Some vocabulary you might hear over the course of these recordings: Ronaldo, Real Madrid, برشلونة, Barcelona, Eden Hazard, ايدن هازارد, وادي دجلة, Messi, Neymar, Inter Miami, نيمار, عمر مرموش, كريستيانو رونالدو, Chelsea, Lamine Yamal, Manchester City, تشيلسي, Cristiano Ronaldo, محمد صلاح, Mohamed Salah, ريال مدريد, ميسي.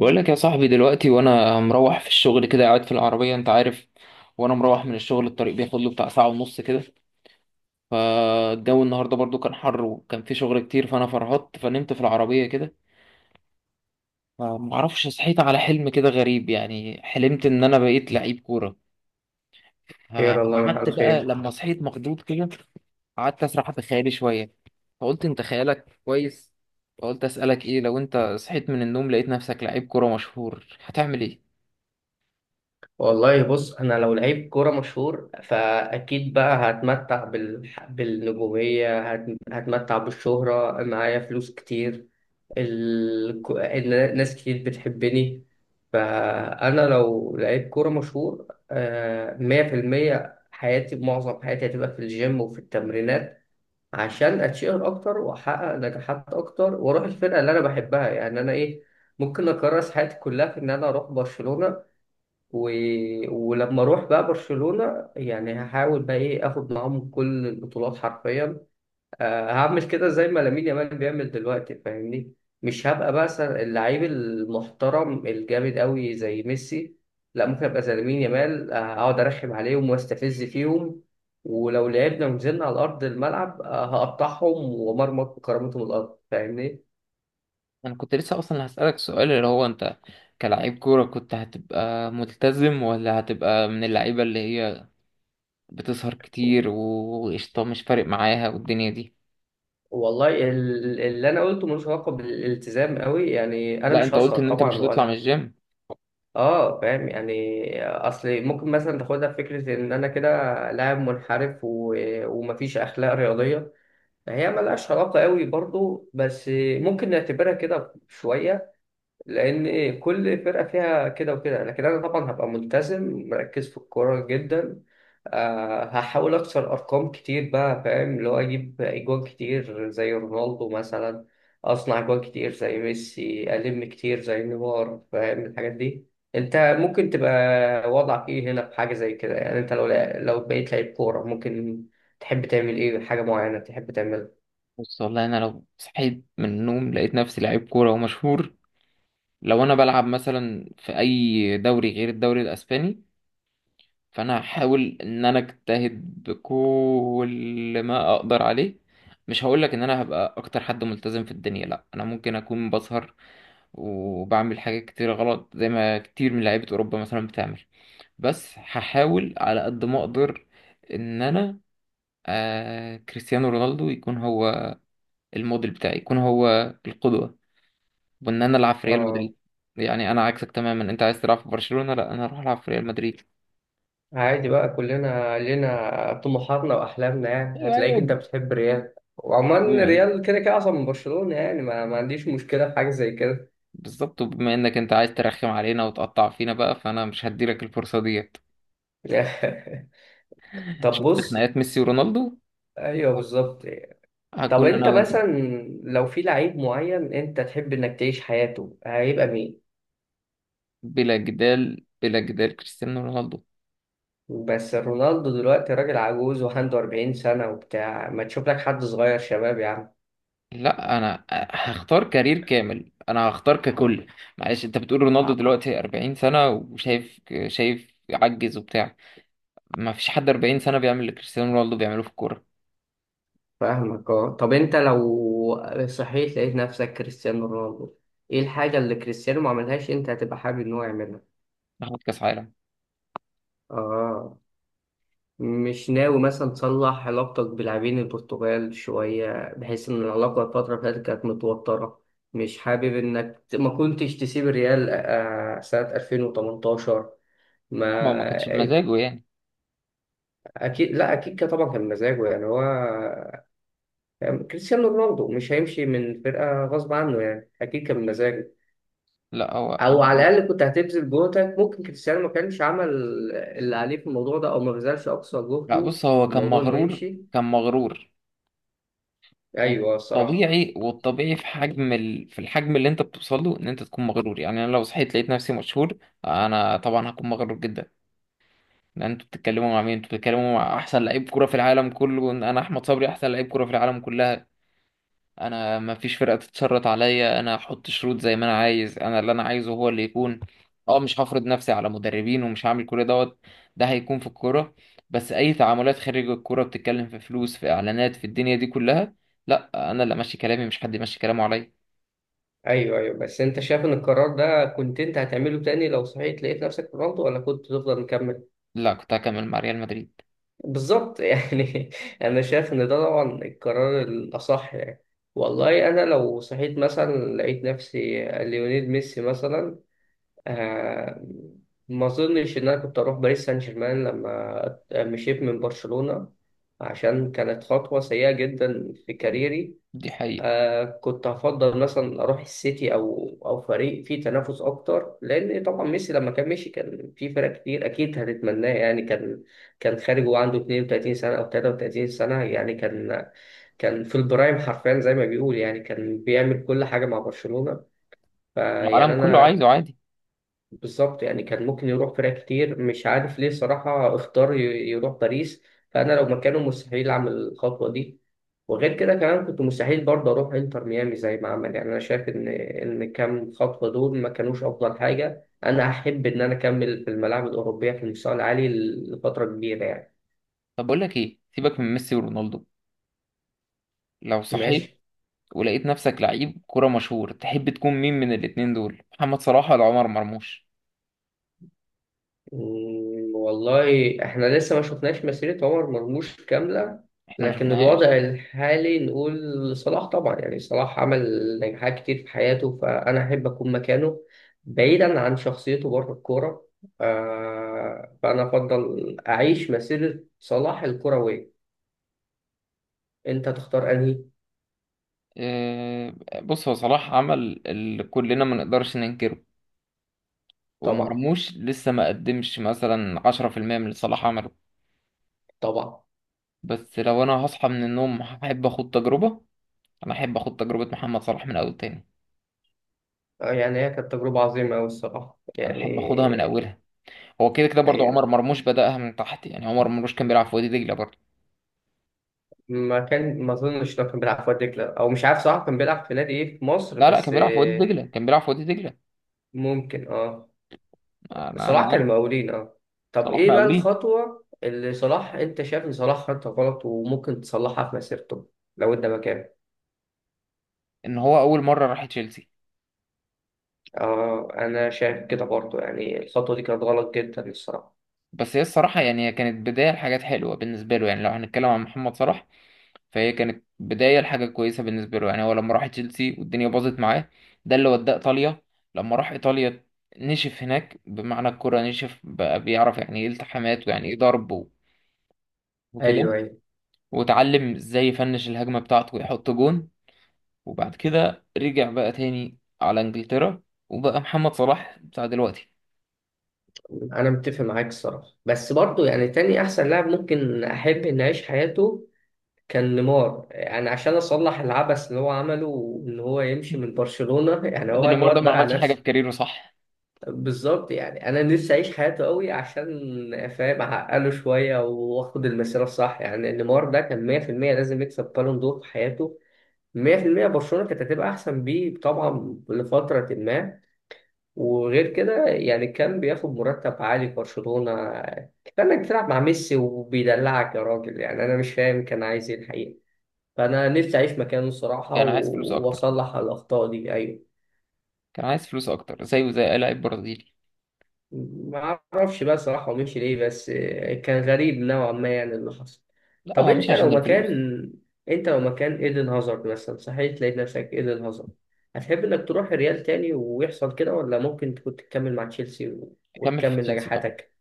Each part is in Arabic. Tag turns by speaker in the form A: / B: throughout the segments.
A: بقول لك يا صاحبي دلوقتي وانا مروح في الشغل كده، قاعد في العربية انت عارف. وانا مروح من الشغل الطريق بياخد له بتاع ساعة ونص كده. فالجو النهاردة برضو كان حر وكان في شغل كتير، فانا فرهطت فنمت في العربية كده. فمعرفش صحيت على حلم كده غريب، يعني حلمت ان انا بقيت لعيب كورة.
B: خير الله لك
A: قعدت
B: على
A: بقى
B: خير.
A: لما صحيت مخضوض كده، قعدت اسرح في خيالي شوية. فقلت انت خيالك كويس. فقلت اسألك ايه، لو انت صحيت من النوم لقيت نفسك لعيب كورة مشهور هتعمل ايه؟
B: والله بص، انا لو لعيب كوره مشهور فاكيد بقى هتمتع بالنجوميه هتمتع بالشهره، معايا فلوس كتير. ناس كتير بتحبني. فانا لو لعيب كوره مشهور 100% حياتي، معظم حياتي هتبقى في الجيم وفي التمرينات عشان اتشهر اكتر واحقق نجاحات اكتر واروح الفرقه اللي انا بحبها. يعني انا ايه، ممكن اكرس حياتي كلها في ان انا اروح برشلونه و... ولما اروح بقى برشلونه يعني هحاول بقى ايه، اخد معاهم كل البطولات حرفيا. هعمل كده زي ما لامين يامال بيعمل دلوقتي، فاهمني؟ مش هبقى بقى اللعيب المحترم الجامد قوي زي ميسي، لا ممكن ابقى زي لامين يامال. اقعد ارخم عليهم واستفز فيهم، ولو لعبنا ونزلنا على ارض الملعب هقطعهم ومرمط بكرامتهم الارض، فاهمني؟
A: انا كنت لسه اصلا هسألك سؤال، اللي هو انت كلاعب كورة كنت هتبقى ملتزم ولا هتبقى من اللعيبة اللي هي بتسهر كتير وقشطة مش فارق معاها والدنيا دي.
B: والله اللي انا قلته ملوش علاقه بالالتزام قوي، يعني انا
A: لا
B: مش
A: انت قلت
B: هسهر
A: ان انت مش
B: طبعا
A: هتطلع من
B: ولا.
A: الجيم.
B: اه فاهم، يعني اصل ممكن مثلا تاخدها في فكره ان انا كده لاعب منحرف ومفيش اخلاق رياضيه. هي ملهاش علاقه قوي برضو، بس ممكن نعتبرها كده شويه لان ايه، كل فرقه فيها كده وكده. لكن انا طبعا هبقى ملتزم مركز في الكوره جدا. أه هحاول اكسر ارقام كتير بقى، فاهم؟ اللي هو اجيب اجوان كتير زي رونالدو مثلا، اصنع اجوان كتير زي ميسي، الم كتير زي نيمار، فاهم الحاجات دي؟ انت ممكن تبقى وضعك ايه هنا في حاجه زي كده؟ يعني انت لو لو بقيت لعيب كوره، ممكن تحب تعمل ايه؟ حاجه معينه تحب تعملها؟
A: بص، والله انا لو صحيت من النوم لقيت نفسي لعيب كورة ومشهور، لو انا بلعب مثلا في اي دوري غير الدوري الاسباني، فانا هحاول ان انا اجتهد بكل ما اقدر عليه. مش هقولك ان انا هبقى اكتر حد ملتزم في الدنيا، لا انا ممكن اكون بسهر وبعمل حاجات كتير غلط زي ما كتير من لعيبة أوروبا مثلا بتعمل، بس هحاول على قد ما أقدر إن أنا كريستيانو رونالدو يكون هو الموديل بتاعي، يكون هو القدوة، وإن أنا ألعب في ريال
B: اه.
A: مدريد. يعني أنا عكسك تماما، أنت عايز تلعب في برشلونة، لا أنا أروح ألعب في ريال مدريد.
B: عادي بقى، كلنا لنا طموحاتنا واحلامنا. يعني
A: أيوه،
B: هتلاقيك انت
A: أيوه.
B: بتحب ريال، وعموما
A: بما-
B: ريال كده كده اصلا من برشلونة. يعني ما عنديش مشكلة في حاجة زي كده.
A: بالظبط، وبما إنك أنت عايز ترخم علينا وتقطع فينا بقى، فأنا مش هديلك الفرصة ديت.
B: طب
A: شفت
B: بص.
A: خناقات ميسي ورونالدو؟
B: ايوه بالظبط. طب
A: هكون أنا
B: انت
A: وأنت.
B: مثلا لو في لعيب معين انت تحب انك تعيش حياته، هيبقى مين؟
A: بلا جدال، بلا جدال، كريستيانو رونالدو.
B: بس رونالدو دلوقتي راجل عجوز وعنده 40 سنة وبتاع، ما تشوف لك حد صغير شباب يا عم.
A: لا انا هختار كارير كامل، انا هختار ككل. معلش انت بتقول رونالدو دلوقتي 40 سنة وشايف، شايف عجز وبتاع. ما فيش حد 40 سنة بيعمل اللي كريستيانو رونالدو بيعمله في الكورة.
B: فاهمك، اه. طب انت لو صحيت لقيت نفسك كريستيانو رونالدو، ايه الحاجة اللي كريستيانو ما عملهاش انت هتبقى حابب ان هو يعملها؟
A: ياخد كاس عالم.
B: اه. مش ناوي مثلا تصلح علاقتك بلاعبين البرتغال شوية، بحيث ان العلاقة الفترة اللي فاتت كانت متوترة؟ مش حابب انك ما كنتش تسيب الريال سنة 2018؟ ما
A: ما هو ما كانش بمزاجه يعني.
B: اكيد، لا اكيد كان، طبعا كان مزاجه، يعني هو كريستيانو رونالدو مش هيمشي من فرقة غصب عنه، يعني اكيد كان مزاجه.
A: لا هو انا.
B: او على الاقل كنت هتبذل جهدك، ممكن كريستيانو ما كانش عمل اللي عليه في الموضوع ده او ما بذلش اقصى
A: لا
B: جهده
A: بص
B: في
A: هو كان
B: الموضوع انه
A: مغرور،
B: يمشي.
A: كان مغرور.
B: ايوه الصراحه.
A: والطبيعي في حجم في الحجم اللي انت بتوصل له، ان انت تكون مغرور. يعني انا لو صحيت لقيت نفسي مشهور انا طبعا هكون مغرور جدا. لان انتوا بتتكلموا مع مين؟ انتوا بتتكلموا مع احسن لعيب كرة في العالم كله. انا احمد صبري، احسن لعيب كرة في العالم كلها. انا ما فيش فرقة تتشرط عليا، انا احط شروط زي ما انا عايز، انا اللي انا عايزه هو اللي يكون. اه، مش هفرض نفسي على مدربين ومش هعمل كل دوت. ده هيكون في الكورة. بس اي تعاملات خارج الكورة، بتتكلم في فلوس في اعلانات في الدنيا دي كلها، لا انا اللي ماشي كلامي، مش حد ماشي كلامه عليا.
B: ايوه ايوه، بس انت شايف ان القرار ده كنت انت هتعمله تاني لو صحيت لقيت نفسك في رونالدو، ولا كنت تفضل مكمل؟
A: لا كنت هكمل مع ريال مدريد.
B: بالظبط يعني. انا شايف ان ده طبعا القرار الاصح يعني. والله انا لو صحيت مثلا لقيت نفسي ليونيل ميسي مثلا، آه، ما اظنش ان انا كنت اروح باريس سان جيرمان لما مشيت من برشلونة، عشان كانت خطوة سيئة جدا في كاريري.
A: دي حقيقة.
B: آه كنت هفضل مثلا اروح السيتي او او فريق فيه تنافس اكتر، لان طبعا ميسي لما كان مشي كان في فرق كتير اكيد هتتمناه. يعني كان كان خارج وعنده 32 سنة او 33 سنة، يعني كان كان في البرايم حرفيا زي ما بيقول، يعني كان بيعمل كل حاجة مع برشلونة. فيعني
A: العالم كله عايزه
B: انا،
A: عادي.
B: بالظبط يعني، كان ممكن يروح فرق كتير، مش عارف ليه صراحة اختار يروح باريس. فأنا لو مكانه مستحيل أعمل الخطوة دي، وغير كده كمان كنت مستحيل برضه أروح إنتر ميامي زي ما عمل. يعني أنا شايف إن كام خطوة دول ما كانوش أفضل حاجة. أنا أحب إن أنا أكمل في الملاعب الأوروبية في المستوى العالي لفترة كبيرة يعني.
A: طب بقول لك ايه، سيبك من ميسي ورونالدو، لو صحيت
B: ماشي.
A: ولقيت نفسك لعيب كرة مشهور تحب تكون مين من الاتنين دول، محمد صلاح ولا عمر مرموش؟
B: والله احنا لسه ما شفناش مسيرة عمر مرموش كاملة،
A: احنا ما
B: لكن
A: شفناهاش.
B: الوضع الحالي نقول صلاح طبعا. يعني صلاح عمل نجاحات كتير في حياته فأنا أحب أكون مكانه، بعيدا عن شخصيته بره الكورة. فأنا أفضل أعيش مسيرة صلاح الكروية. أنت تختار أنهي؟
A: آه، بص هو صلاح عمل اللي كلنا ما نقدرش ننكره،
B: طبعا.
A: ومرموش لسه ما قدمش مثلا 10% من اللي صلاح عمله.
B: طبعا.
A: بس لو انا هصحى من النوم هحب اخد تجربة، انا احب اخد تجربة محمد صلاح من اول تاني.
B: آه، يعني هي كانت تجربة عظيمة أوي الصراحة
A: انا
B: يعني.
A: احب اخدها من اولها. هو كده كده برضه عمر مرموش بدأها من تحت، يعني عمر مرموش كان بيلعب في وادي دجلة برضه.
B: ما كان، ما اظنش لو كان بيلعب في واد دجله، او مش عارف صراحه كان بيلعب في نادي ايه في مصر،
A: لا لا،
B: بس
A: كان بيلعب في وادي
B: آه،
A: دجلة، كان بيلعب في وادي دجلة.
B: ممكن اه.
A: انا
B: صلاح
A: عارف.
B: كان مقاولين اه. طب
A: صلاح
B: ايه بقى
A: مقاولين.
B: الخطوه اللي صلاح انت شايف ان صلاح خدها غلط وممكن تصلحها في مسيرته لو انت مكانه؟
A: ان هو اول مره راح تشيلسي.
B: اه انا شايف كده برضه، يعني الخطوه دي كانت غلط جدا الصراحه.
A: بس هي الصراحه يعني، هي كانت بدايه لحاجات حلوه بالنسبه له، يعني لو هنتكلم عن محمد صلاح فهي كانت بدايه لحاجه كويسه بالنسبه له. يعني هو لما راح تشيلسي والدنيا باظت معاه، ده اللي وداه ايطاليا. لما راح ايطاليا نشف هناك، بمعنى الكره نشف، بقى بيعرف يعني ايه التحامات، ويعني ايه ضرب وكده،
B: ايوه ايوه.
A: وتعلم ازاي يفنش الهجمه بتاعته ويحط جون، وبعد كده رجع بقى تاني على انجلترا، وبقى محمد صلاح بتاع دلوقتي.
B: انا متفق معاك الصراحه، بس برضه يعني تاني احسن لاعب ممكن احب اني اعيش حياته كان نيمار، يعني عشان اصلح العبث اللي هو عمله ان هو يمشي من برشلونة. يعني
A: لا ده
B: هو
A: نيمار ده
B: الواد
A: ما
B: ضيع
A: عملش حاجه في
B: نفسه.
A: كاريره صح.
B: بالظبط، يعني انا نفسي اعيش حياته قوي عشان فاهم اعقله شويه واخد المسيره الصح. يعني نيمار ده كان 100% لازم يكسب بالون دور في حياته. 100% برشلونه كانت هتبقى احسن بيه طبعا لفتره ما، وغير كده يعني كان بياخد مرتب عالي في برشلونه. كفايه انك بتلعب مع ميسي وبيدلعك يا راجل، يعني انا مش فاهم كان عايز ايه الحقيقه. فأنا نفسي أعيش مكانه الصراحة
A: كان عايز فلوس اكتر،
B: وأصلح الأخطاء دي أيوه.
A: كان عايز فلوس اكتر زيه زي اي لاعب برازيلي.
B: ما أعرفش بقى صراحة هو مشي ليه، بس آه، كان غريب نوعا ما يعني اللي حصل.
A: لا
B: طب
A: هو مش
B: أنت لو
A: عشان
B: مكان،
A: الفلوس.
B: أنت لو مكان إيدن هازارد مثلا، صحيح تلاقي نفسك إيدن هازارد، هتحب إنك تروح الريال تاني ويحصل كده، ولا ممكن تكون تكمل مع تشيلسي
A: اكمل في
B: وتكمل
A: تشيلسي طبعا،
B: نجاحاتك؟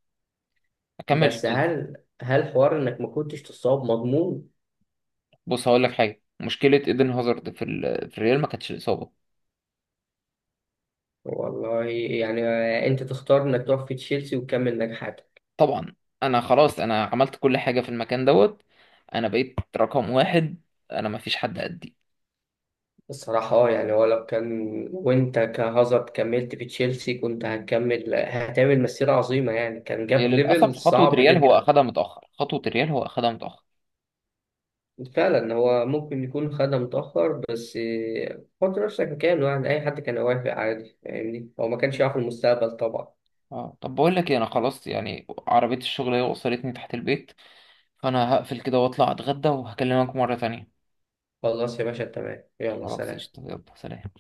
A: اكمل في
B: بس
A: تشيلسي.
B: هل هل حوار إنك ما كنتش تصاب مضمون؟
A: بص هقول لك حاجه، مشكله ايدن هازارد في في الريال ما كانتش الاصابه.
B: والله يعني آه، أنت تختار إنك تروح في تشيلسي وتكمل نجاحاتك.
A: طبعا انا خلاص، انا عملت كل حاجه في المكان دوت، انا بقيت رقم واحد، انا ما فيش حد قدي.
B: الصراحة اه، يعني هو لو كان، وانت كهازارد كملت في تشيلسي كنت هتكمل، هتعمل مسيرة عظيمة، يعني كان
A: هي
B: جاب ليفل
A: للاسف خطوه
B: صعب
A: ريال هو
B: جدا.
A: اخدها متاخر، خطوه ريال هو اخدها متاخر.
B: فعلا هو ممكن يكون خدها متأخر، بس آه، حط نفسك مكانه، يعني أي حد كان هيوافق عادي، فاهمني؟ هو ما كانش
A: مم.
B: يعرف المستقبل طبعا.
A: اه طب بقول لك ايه، انا خلاص يعني عربيه الشغل هي وصلتني تحت البيت، فانا هقفل كده واطلع اتغدى وهكلمك مره تانية.
B: خلاص يا باشا، تمام، يلا
A: خلاص
B: سلام.
A: قشطه، يلا سلام.